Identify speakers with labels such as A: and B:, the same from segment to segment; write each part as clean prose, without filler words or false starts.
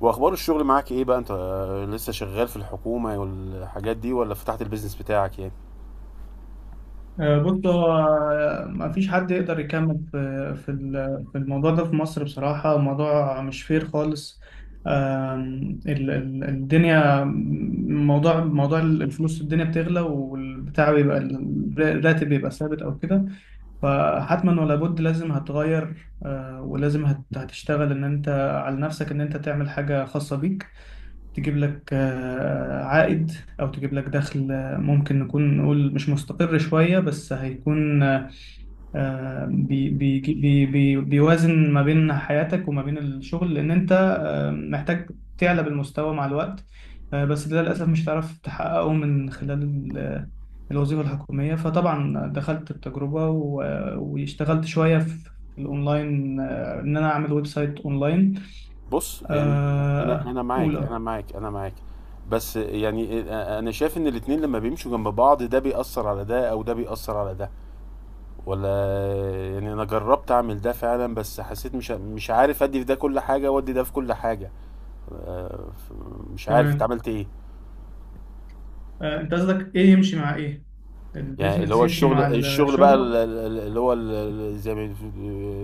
A: واخبار الشغل معاك ايه بقى انت، لسه شغال في الحكومة والحاجات دي ولا فتحت البيزنس بتاعك يعني؟
B: بص هو ما فيش حد يقدر يكمل في الموضوع ده في مصر بصراحة. موضوع مش فير خالص. الدنيا، موضوع الفلوس، الدنيا بتغلى والبتاع بيبقى الراتب بيبقى ثابت أو كده. فحتما ولا بد لازم هتغير، ولازم هتشتغل إن أنت على نفسك، إن أنت تعمل حاجة خاصة بيك، تجيب لك عائد أو تجيب لك دخل. ممكن نكون نقول مش مستقر شوية، بس هيكون، آه، بي بي بي بي بيوازن ما بين حياتك وما بين الشغل، لأن أنت محتاج تعلى بالمستوى مع الوقت. بس ده للأسف مش هتعرف تحققه من خلال الوظيفة الحكومية. فطبعا دخلت التجربة واشتغلت شوية في الأونلاين، إن أنا أعمل ويب سايت أونلاين.
A: بص يعني، انا انا
B: قول
A: معاك،
B: أه.
A: انا معاك، انا معاك. بس يعني، انا شايف ان الاتنين لما بيمشوا جنب بعض ده بيأثر على ده او ده بيأثر على ده، ولا؟ يعني انا جربت اعمل ده فعلا، بس حسيت مش عارف ادي في ده كل حاجة وادي ده في كل حاجة. آه، ف- مش عارف انت
B: تمام.
A: عملت ايه؟
B: انت قصدك ايه يمشي مع ايه؟
A: يعني اللي
B: البيزنس
A: هو
B: يمشي
A: الشغل
B: مع
A: الشغل بقى،
B: الشغل؟
A: اللي هو، زي ما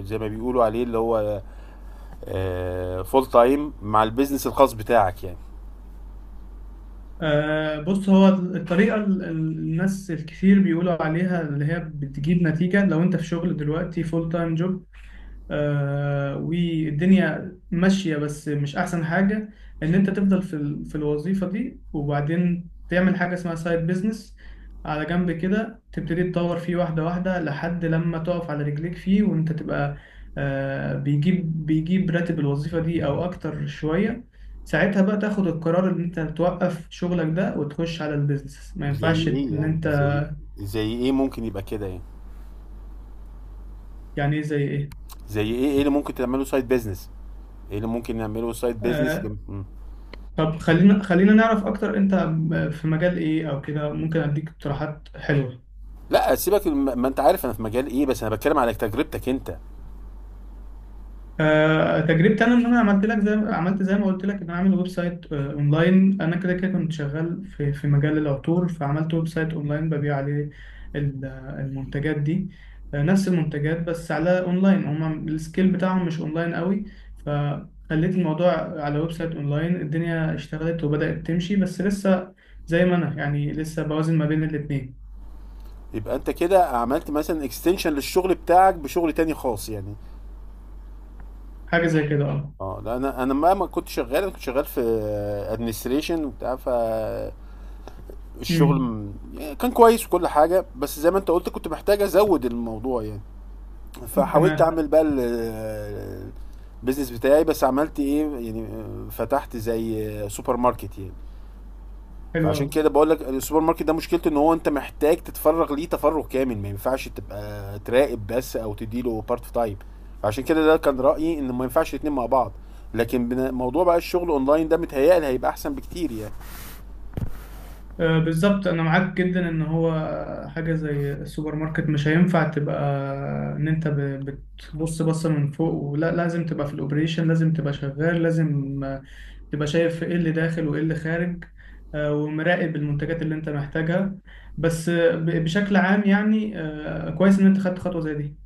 A: زي ما بيقولوا عليه اللي هو فول تايم، مع البيزنس الخاص بتاعك يعني.
B: بص، هو الطريقة الناس الكثير بيقولوا عليها اللي هي بتجيب نتيجة، لو انت في شغل دلوقتي فول تايم جوب، آه، والدنيا ماشية، بس مش أحسن حاجة إن أنت تفضل في الوظيفة دي، وبعدين تعمل حاجة اسمها سايد بيزنس على جنب كده، تبتدي تطور فيه واحدة واحدة لحد لما تقف على رجليك فيه، وأنت تبقى آه بيجيب راتب الوظيفة دي أو أكتر شوية. ساعتها بقى تاخد القرار إن أنت توقف شغلك ده وتخش على البيزنس. ما
A: زي
B: ينفعش
A: ايه
B: إن
A: يعني؟
B: أنت،
A: زي ايه ممكن يبقى كده يعني؟
B: يعني إيه زي إيه؟
A: زي ايه؟ ايه اللي ممكن تعمله سايد بيزنس؟ ايه اللي ممكن نعمله سايد بيزنس؟
B: آه، طب خلينا نعرف اكتر، انت في مجال ايه او كده، ممكن اديك اقتراحات حلوه.
A: لا سيبك، ما انت عارف انا في مجال ايه، بس انا بتكلم على تجربتك انت.
B: تجربتي انا، ان انا عملت لك زي، عملت زي ما قلت لك، ان انا عامل ويب سايت، اونلاين. انا كده كنت شغال في في مجال العطور، فعملت ويب سايت اونلاين ببيع عليه المنتجات دي. نفس المنتجات بس على اونلاين، هما السكيل بتاعهم مش اونلاين قوي. فخليت الموضوع على ويب سايت اونلاين، الدنيا اشتغلت وبدأت تمشي، بس لسه زي ما انا يعني لسه بوازن ما بين الاتنين.
A: يبقى انت كده عملت مثلا اكستنشن للشغل بتاعك بشغل تاني خاص يعني؟
B: حاجة زي كده، اه.
A: اه لا، انا ما كنت شغال، انا كنت شغال في ادمنستريشن وبتاع. فالشغل
B: امم.
A: كان كويس وكل حاجه، بس زي ما انت قلت كنت محتاج ازود الموضوع يعني. فحاولت
B: تمام.
A: اعمل بقى البيزنس بتاعي، بس عملت ايه يعني؟ فتحت زي سوبر ماركت يعني.
B: حلو
A: فعشان
B: أوي.
A: كده بقول لك، السوبر ماركت ده مشكلته ان هو انت محتاج تتفرغ ليه تفرغ كامل، ما ينفعش تبقى تراقب بس او تديله بارت تايم. عشان كده ده كان رأيي ان ما ينفعش الاتنين مع بعض. لكن موضوع بقى الشغل اونلاين ده متهيألي هيبقى احسن بكتير يعني.
B: بالظبط، أنا معاك جدا إن هو حاجة زي السوبر ماركت مش هينفع تبقى إن أنت بتبص بصة من فوق، ولا لازم تبقى في الأوبريشن، لازم تبقى شغال، لازم تبقى شايف إيه اللي داخل وإيه اللي خارج، ومراقب المنتجات اللي أنت محتاجها. بس بشكل عام يعني، كويس إن أنت خدت خطوة زي دي.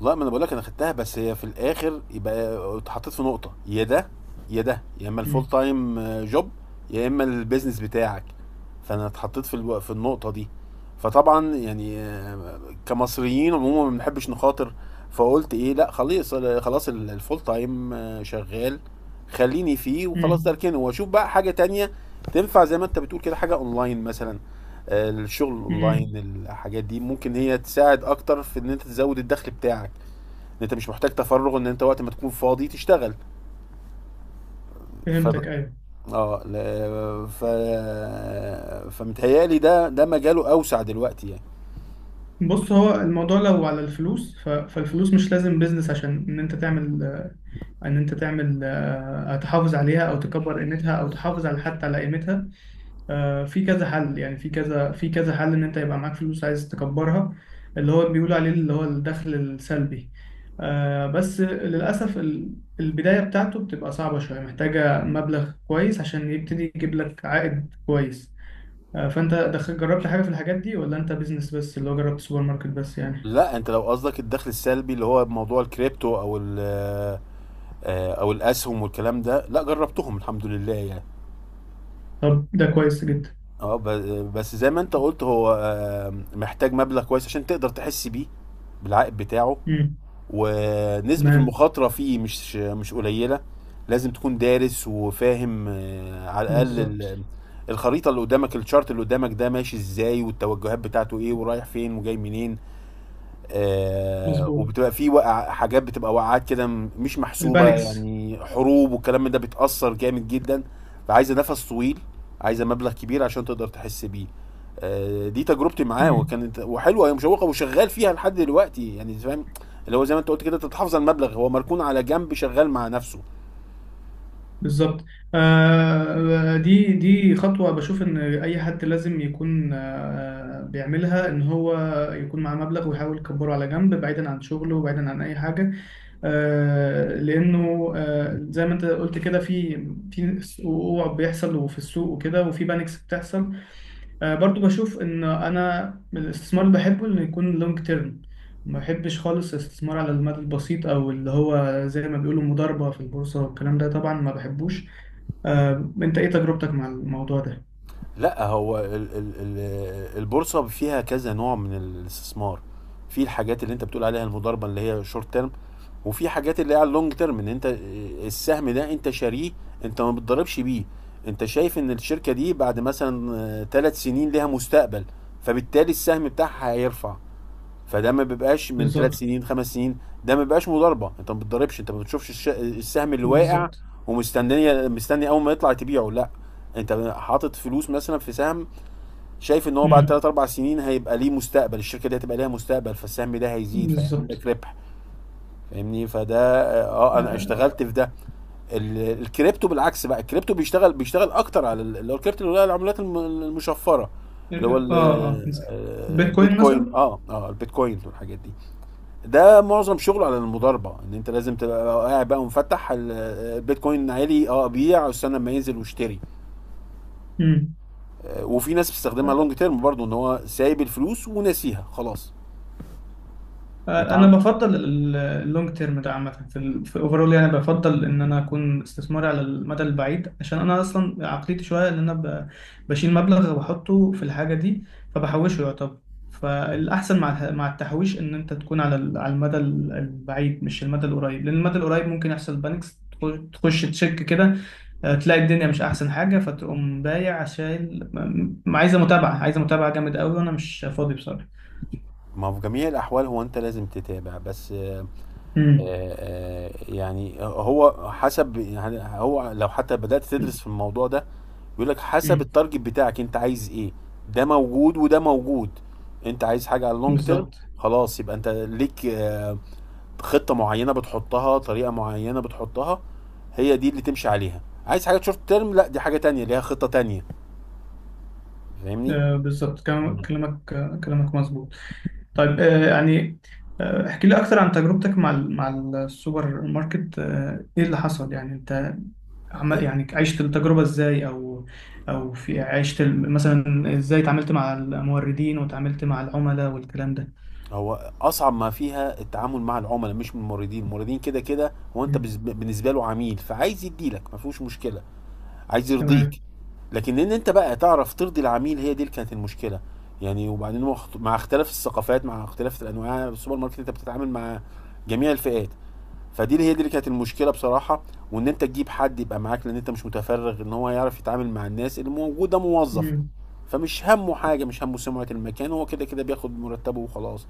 A: لا، ما انا بقول لك انا خدتها، بس هي في الاخر يبقى اتحطيت في نقطه، يا ده يا ده، يا اما الفول
B: امم.
A: تايم جوب، يا اما البيزنس بتاعك. فانا اتحطيت في النقطه دي. فطبعا يعني، كمصريين عموما ما بنحبش نخاطر. فقلت ايه، لا خلاص خلاص، الفول تايم شغال، خليني فيه وخلاص، ده
B: امم.
A: اركنه واشوف بقى حاجه تانية تنفع، زي ما انت بتقول كده، حاجه اونلاين مثلا. الشغل اونلاين،
B: امم.
A: الحاجات دي ممكن هي تساعد اكتر في ان انت تزود الدخل بتاعك، ان انت مش محتاج تفرغ، ان انت وقت ما تكون فاضي تشتغل. ف
B: فهمتك، أيوه.
A: اه ل... ف فمتهيألي ده مجاله اوسع دلوقتي يعني.
B: بص، هو الموضوع لو على الفلوس، فالفلوس مش لازم بيزنس عشان ان انت تعمل، ان انت تعمل تحافظ عليها، او تكبر قيمتها، او تحافظ على حتى على قيمتها. في كذا حل، يعني في كذا، في كذا حل ان انت يبقى معاك فلوس عايز تكبرها، اللي هو بيقولوا عليه اللي هو الدخل السلبي. بس للاسف البداية بتاعته بتبقى صعبة شوية، محتاجة مبلغ كويس عشان يبتدي يجيب لك عائد كويس. فانت دخل، جربت حاجة في الحاجات دي، ولا انت بيزنس بس اللي هو جربت سوبر ماركت بس يعني؟
A: لا، انت لو قصدك الدخل السلبي اللي هو موضوع الكريبتو، او ال آه، او الاسهم والكلام ده، لا جربتهم الحمد لله يعني.
B: طب ده كويس جدا.
A: اه، بس زي ما انت قلت، هو محتاج مبلغ كويس عشان تقدر تحس بيه، بالعائد بتاعه.
B: امم.
A: ونسبة
B: تمام.
A: المخاطرة فيه مش قليلة. لازم تكون دارس وفاهم، على الأقل
B: بالظبط.
A: الخريطة اللي قدامك، الشارت اللي قدامك ده ماشي ازاي، والتوجهات بتاعته ايه، ورايح فين وجاي منين.
B: مظبوط.
A: وبتبقى في وقع، حاجات بتبقى وقعات كده مش محسوبة،
B: البانكس.
A: يعني حروب والكلام من ده بتأثر جامد جدا. فعايزة نفس طويل، عايزة مبلغ كبير عشان تقدر تحس بيه. دي تجربتي معاه
B: امم.
A: وكانت وحلوة، هي مشوقة وشغال فيها لحد دلوقتي يعني، فاهم؟ اللي هو زي ما انت قلت كده، تتحافظ على المبلغ، هو مركون على جنب شغال مع نفسه.
B: بالظبط. آه، دي دي خطوة بشوف ان اي حد لازم يكون آه بيعملها، ان هو يكون معاه مبلغ ويحاول يكبره على جنب، بعيدا عن شغله وبعيدا عن اي حاجة. آه، لانه آه زي ما انت قلت كده، في في وقوع بيحصل وفي السوق وكده، وفي بانكس بتحصل. برضو بشوف ان انا من الاستثمار اللي بحبه انه يكون لونج تيرم، ما بحبش خالص الاستثمار على المدى البسيط، او اللي هو زي ما بيقولوا مضاربة في البورصة والكلام ده طبعا ما بحبوش. انت ايه تجربتك مع الموضوع ده؟
A: لا هو، ال ال ال البورصه فيها كذا نوع من الاستثمار. في الحاجات اللي انت بتقول عليها المضاربه اللي هي شورت تيرم، وفي حاجات اللي هي على اللونج تيرم، ان انت السهم ده انت شاريه، انت ما بتضربش بيه. انت شايف ان الشركه دي بعد مثلا 3 سنين ليها مستقبل، فبالتالي السهم بتاعها هيرفع. فده ما بيبقاش من ثلاث
B: بالظبط.
A: سنين 5 سنين. ده ما بيبقاش مضاربه، انت ما بتضربش، انت ما بتشوفش السهم اللي واقع
B: بالظبط.
A: مستني اول ما يطلع تبيعه. لا، انت حاطط فلوس مثلا في سهم، شايف ان هو بعد
B: امم.
A: 3 4 سنين هيبقى ليه مستقبل، الشركه دي هتبقى ليها مستقبل، فالسهم ده هيزيد فيعمل
B: بالظبط.
A: لك ربح. فاهمني؟ فده اه آه، انا
B: اه،
A: اشتغلت في ده. الكريبتو بالعكس بقى، الكريبتو بيشتغل اكتر على اللي هو الكريبتو، اللي هو العملات المشفره، اللي هو
B: اه. بيتكوين
A: البيتكوين،
B: مثلا.
A: البيتكوين والحاجات دي. ده معظم شغله على المضاربه، ان انت لازم تبقى قاعد بقى ومفتح، البيتكوين عالي، اه ابيع، استنى لما ينزل واشتري.
B: مم.
A: وفي ناس بتستخدمها لونج تيرم برضو، ان هو سايب الفلوس وناسيها خلاص.
B: انا
A: وتعامل
B: بفضل اللونج تيرم ده عامه، في في اوفرول يعني، بفضل ان انا اكون استثماري على المدى البعيد، عشان انا اصلا عقليتي شويه ان انا بشيل مبلغ وبحطه في الحاجه دي فبحوشه يعتبر. فالاحسن مع مع التحويش ان انت تكون على على المدى البعيد، مش المدى القريب، لان المدى القريب ممكن يحصل بانكس، تخش تشك كده، تلاقي الدنيا مش احسن حاجه، فتقوم بايع، عشان عايزه متابعه، عايزه متابعه جامد قوي وانا مش فاضي بصراحه.
A: ما هو في جميع الاحوال هو انت لازم تتابع بس،
B: امم.
A: يعني هو حسب يعني، هو لو حتى بدات تدرس في الموضوع ده، بيقول لك حسب
B: امم.
A: التارجت بتاعك انت عايز ايه. ده موجود وده موجود. انت عايز حاجه على اللونج تيرم،
B: بالظبط.
A: خلاص يبقى انت ليك خطه معينه بتحطها، طريقه معينه بتحطها، هي دي اللي تمشي عليها. عايز حاجه شورت تيرم، لا دي حاجه تانية ليها خطه تانية. فاهمني؟
B: بالظبط كلامك، كلامك مظبوط. طيب، يعني احكي لي اكتر عن تجربتك مع مع السوبر ماركت. ايه اللي حصل يعني، انت عمل يعني، عشت التجربة ازاي، او او في عشت مثلا ازاي اتعاملت مع الموردين وتعاملت مع العملاء والكلام ده؟
A: هو اصعب ما فيها التعامل مع العملاء مش من الموردين، الموردين كده كده هو انت
B: مم.
A: بالنسبه له عميل، فعايز يديلك ما فيهوش مشكله، عايز
B: تمام.
A: يرضيك. لكن ان انت بقى تعرف ترضي العميل، هي دي اللي كانت المشكله. يعني وبعدين مع مع اختلاف الثقافات، مع اختلاف الانواع، السوبر ماركت انت بتتعامل مع جميع الفئات. فدي اللي هي دي اللي كانت المشكله بصراحه. وان انت تجيب حد يبقى معاك لان انت مش متفرغ، ان هو يعرف يتعامل مع الناس اللي موجوده، موظف.
B: مم.
A: فمش همه حاجه، مش همه سمعه المكان، هو كده كده بياخد مرتبه وخلاص.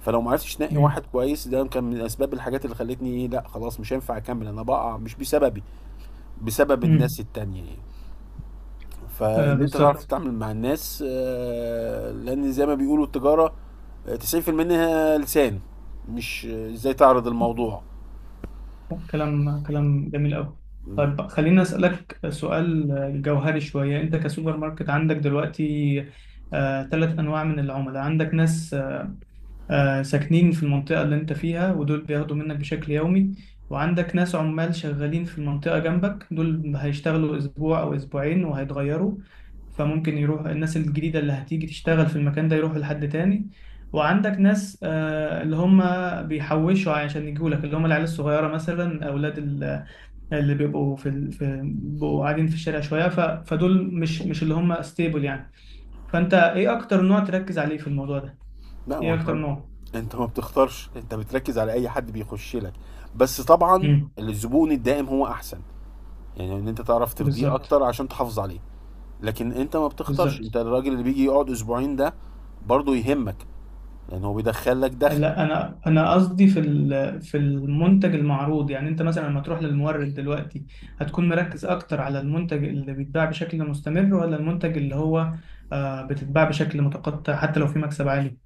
A: فلو ما عرفتش تنقي واحد
B: مم.
A: كويس، ده كان من اسباب الحاجات اللي خلتني ايه، لا خلاص مش هينفع اكمل، انا بقع مش بسببي، بسبب الناس
B: مم.
A: التانية يعني. فان انت تعرف
B: بالظبط.
A: تتعامل مع الناس، لان زي ما بيقولوا التجاره، 90% منها لسان، مش ازاي تعرض الموضوع.
B: كلام كلام جميل قوي. طيب، خليني أسألك سؤال جوهري شوية. أنت كسوبر ماركت عندك دلوقتي ثلاث أنواع من العملاء: عندك ناس ساكنين في المنطقة اللي انت فيها ودول بياخدوا منك بشكل يومي، وعندك ناس عمال شغالين في المنطقة جنبك، دول هيشتغلوا أسبوع أو أسبوعين وهيتغيروا، فممكن يروح الناس الجديدة اللي هتيجي تشتغل في المكان ده يروحوا لحد تاني، وعندك ناس اللي هم بيحوشوا عشان يجوا لك، اللي هم العيال الصغيرة مثلا، أولاد اللي بيبقوا في بيبقوا قاعدين في الشارع شوية، فدول مش اللي هم ستيبل يعني. فأنت إيه أكتر نوع تركز عليه في الموضوع ده؟
A: لا، ما
B: إيه أكتر
A: انت
B: نوع؟
A: انت ما بتختارش، انت بتركز على اي حد بيخش لك. بس طبعا الزبون الدائم هو احسن، يعني ان انت تعرف ترضيه
B: بالظبط.
A: اكتر عشان تحافظ عليه. لكن انت ما بتختارش،
B: بالظبط.
A: انت الراجل اللي بيجي يقعد اسبوعين ده برضه يهمك، لان هو بيدخل لك دخل.
B: لا، انا انا قصدي في في المنتج المعروض، يعني انت مثلا لما تروح للمورد دلوقتي، هتكون مركز اكتر على المنتج اللي بيتباع بشكل مستمر، ولا المنتج اللي هو بتتباع بشكل متقطع حتى لو في مكسب عالي؟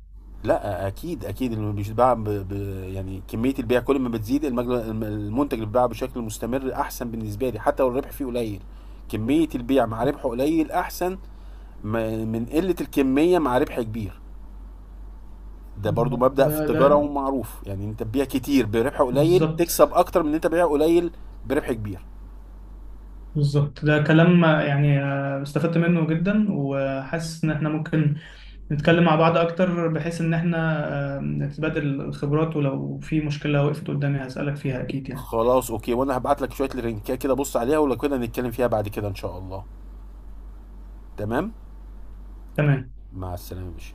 A: لا اكيد اكيد، اللي بيتباع يعني كميه البيع كل ما بتزيد، المنتج اللي بيتباع بشكل مستمر احسن بالنسبه لي حتى لو الربح فيه قليل. كميه البيع مع ربحه قليل احسن من قله الكميه مع ربح كبير. ده برضو مبدأ
B: ده
A: في
B: ده
A: التجارة ومعروف، يعني انت تبيع كتير بربح قليل
B: بالظبط.
A: تكسب اكتر من ان انت بيع قليل بربح كبير.
B: بالظبط، ده كلام يعني استفدت منه جدا، وحاسس ان احنا ممكن نتكلم مع بعض اكتر بحيث ان احنا نتبادل الخبرات، ولو في مشكلة وقفت قدامي هسألك فيها اكيد يعني.
A: خلاص اوكي، وانا هبعت لك شوية لينكات كده بص عليها، ولو كده نتكلم فيها بعد كده ان شاء الله. تمام.
B: تمام.
A: مع السلامة يا باشا.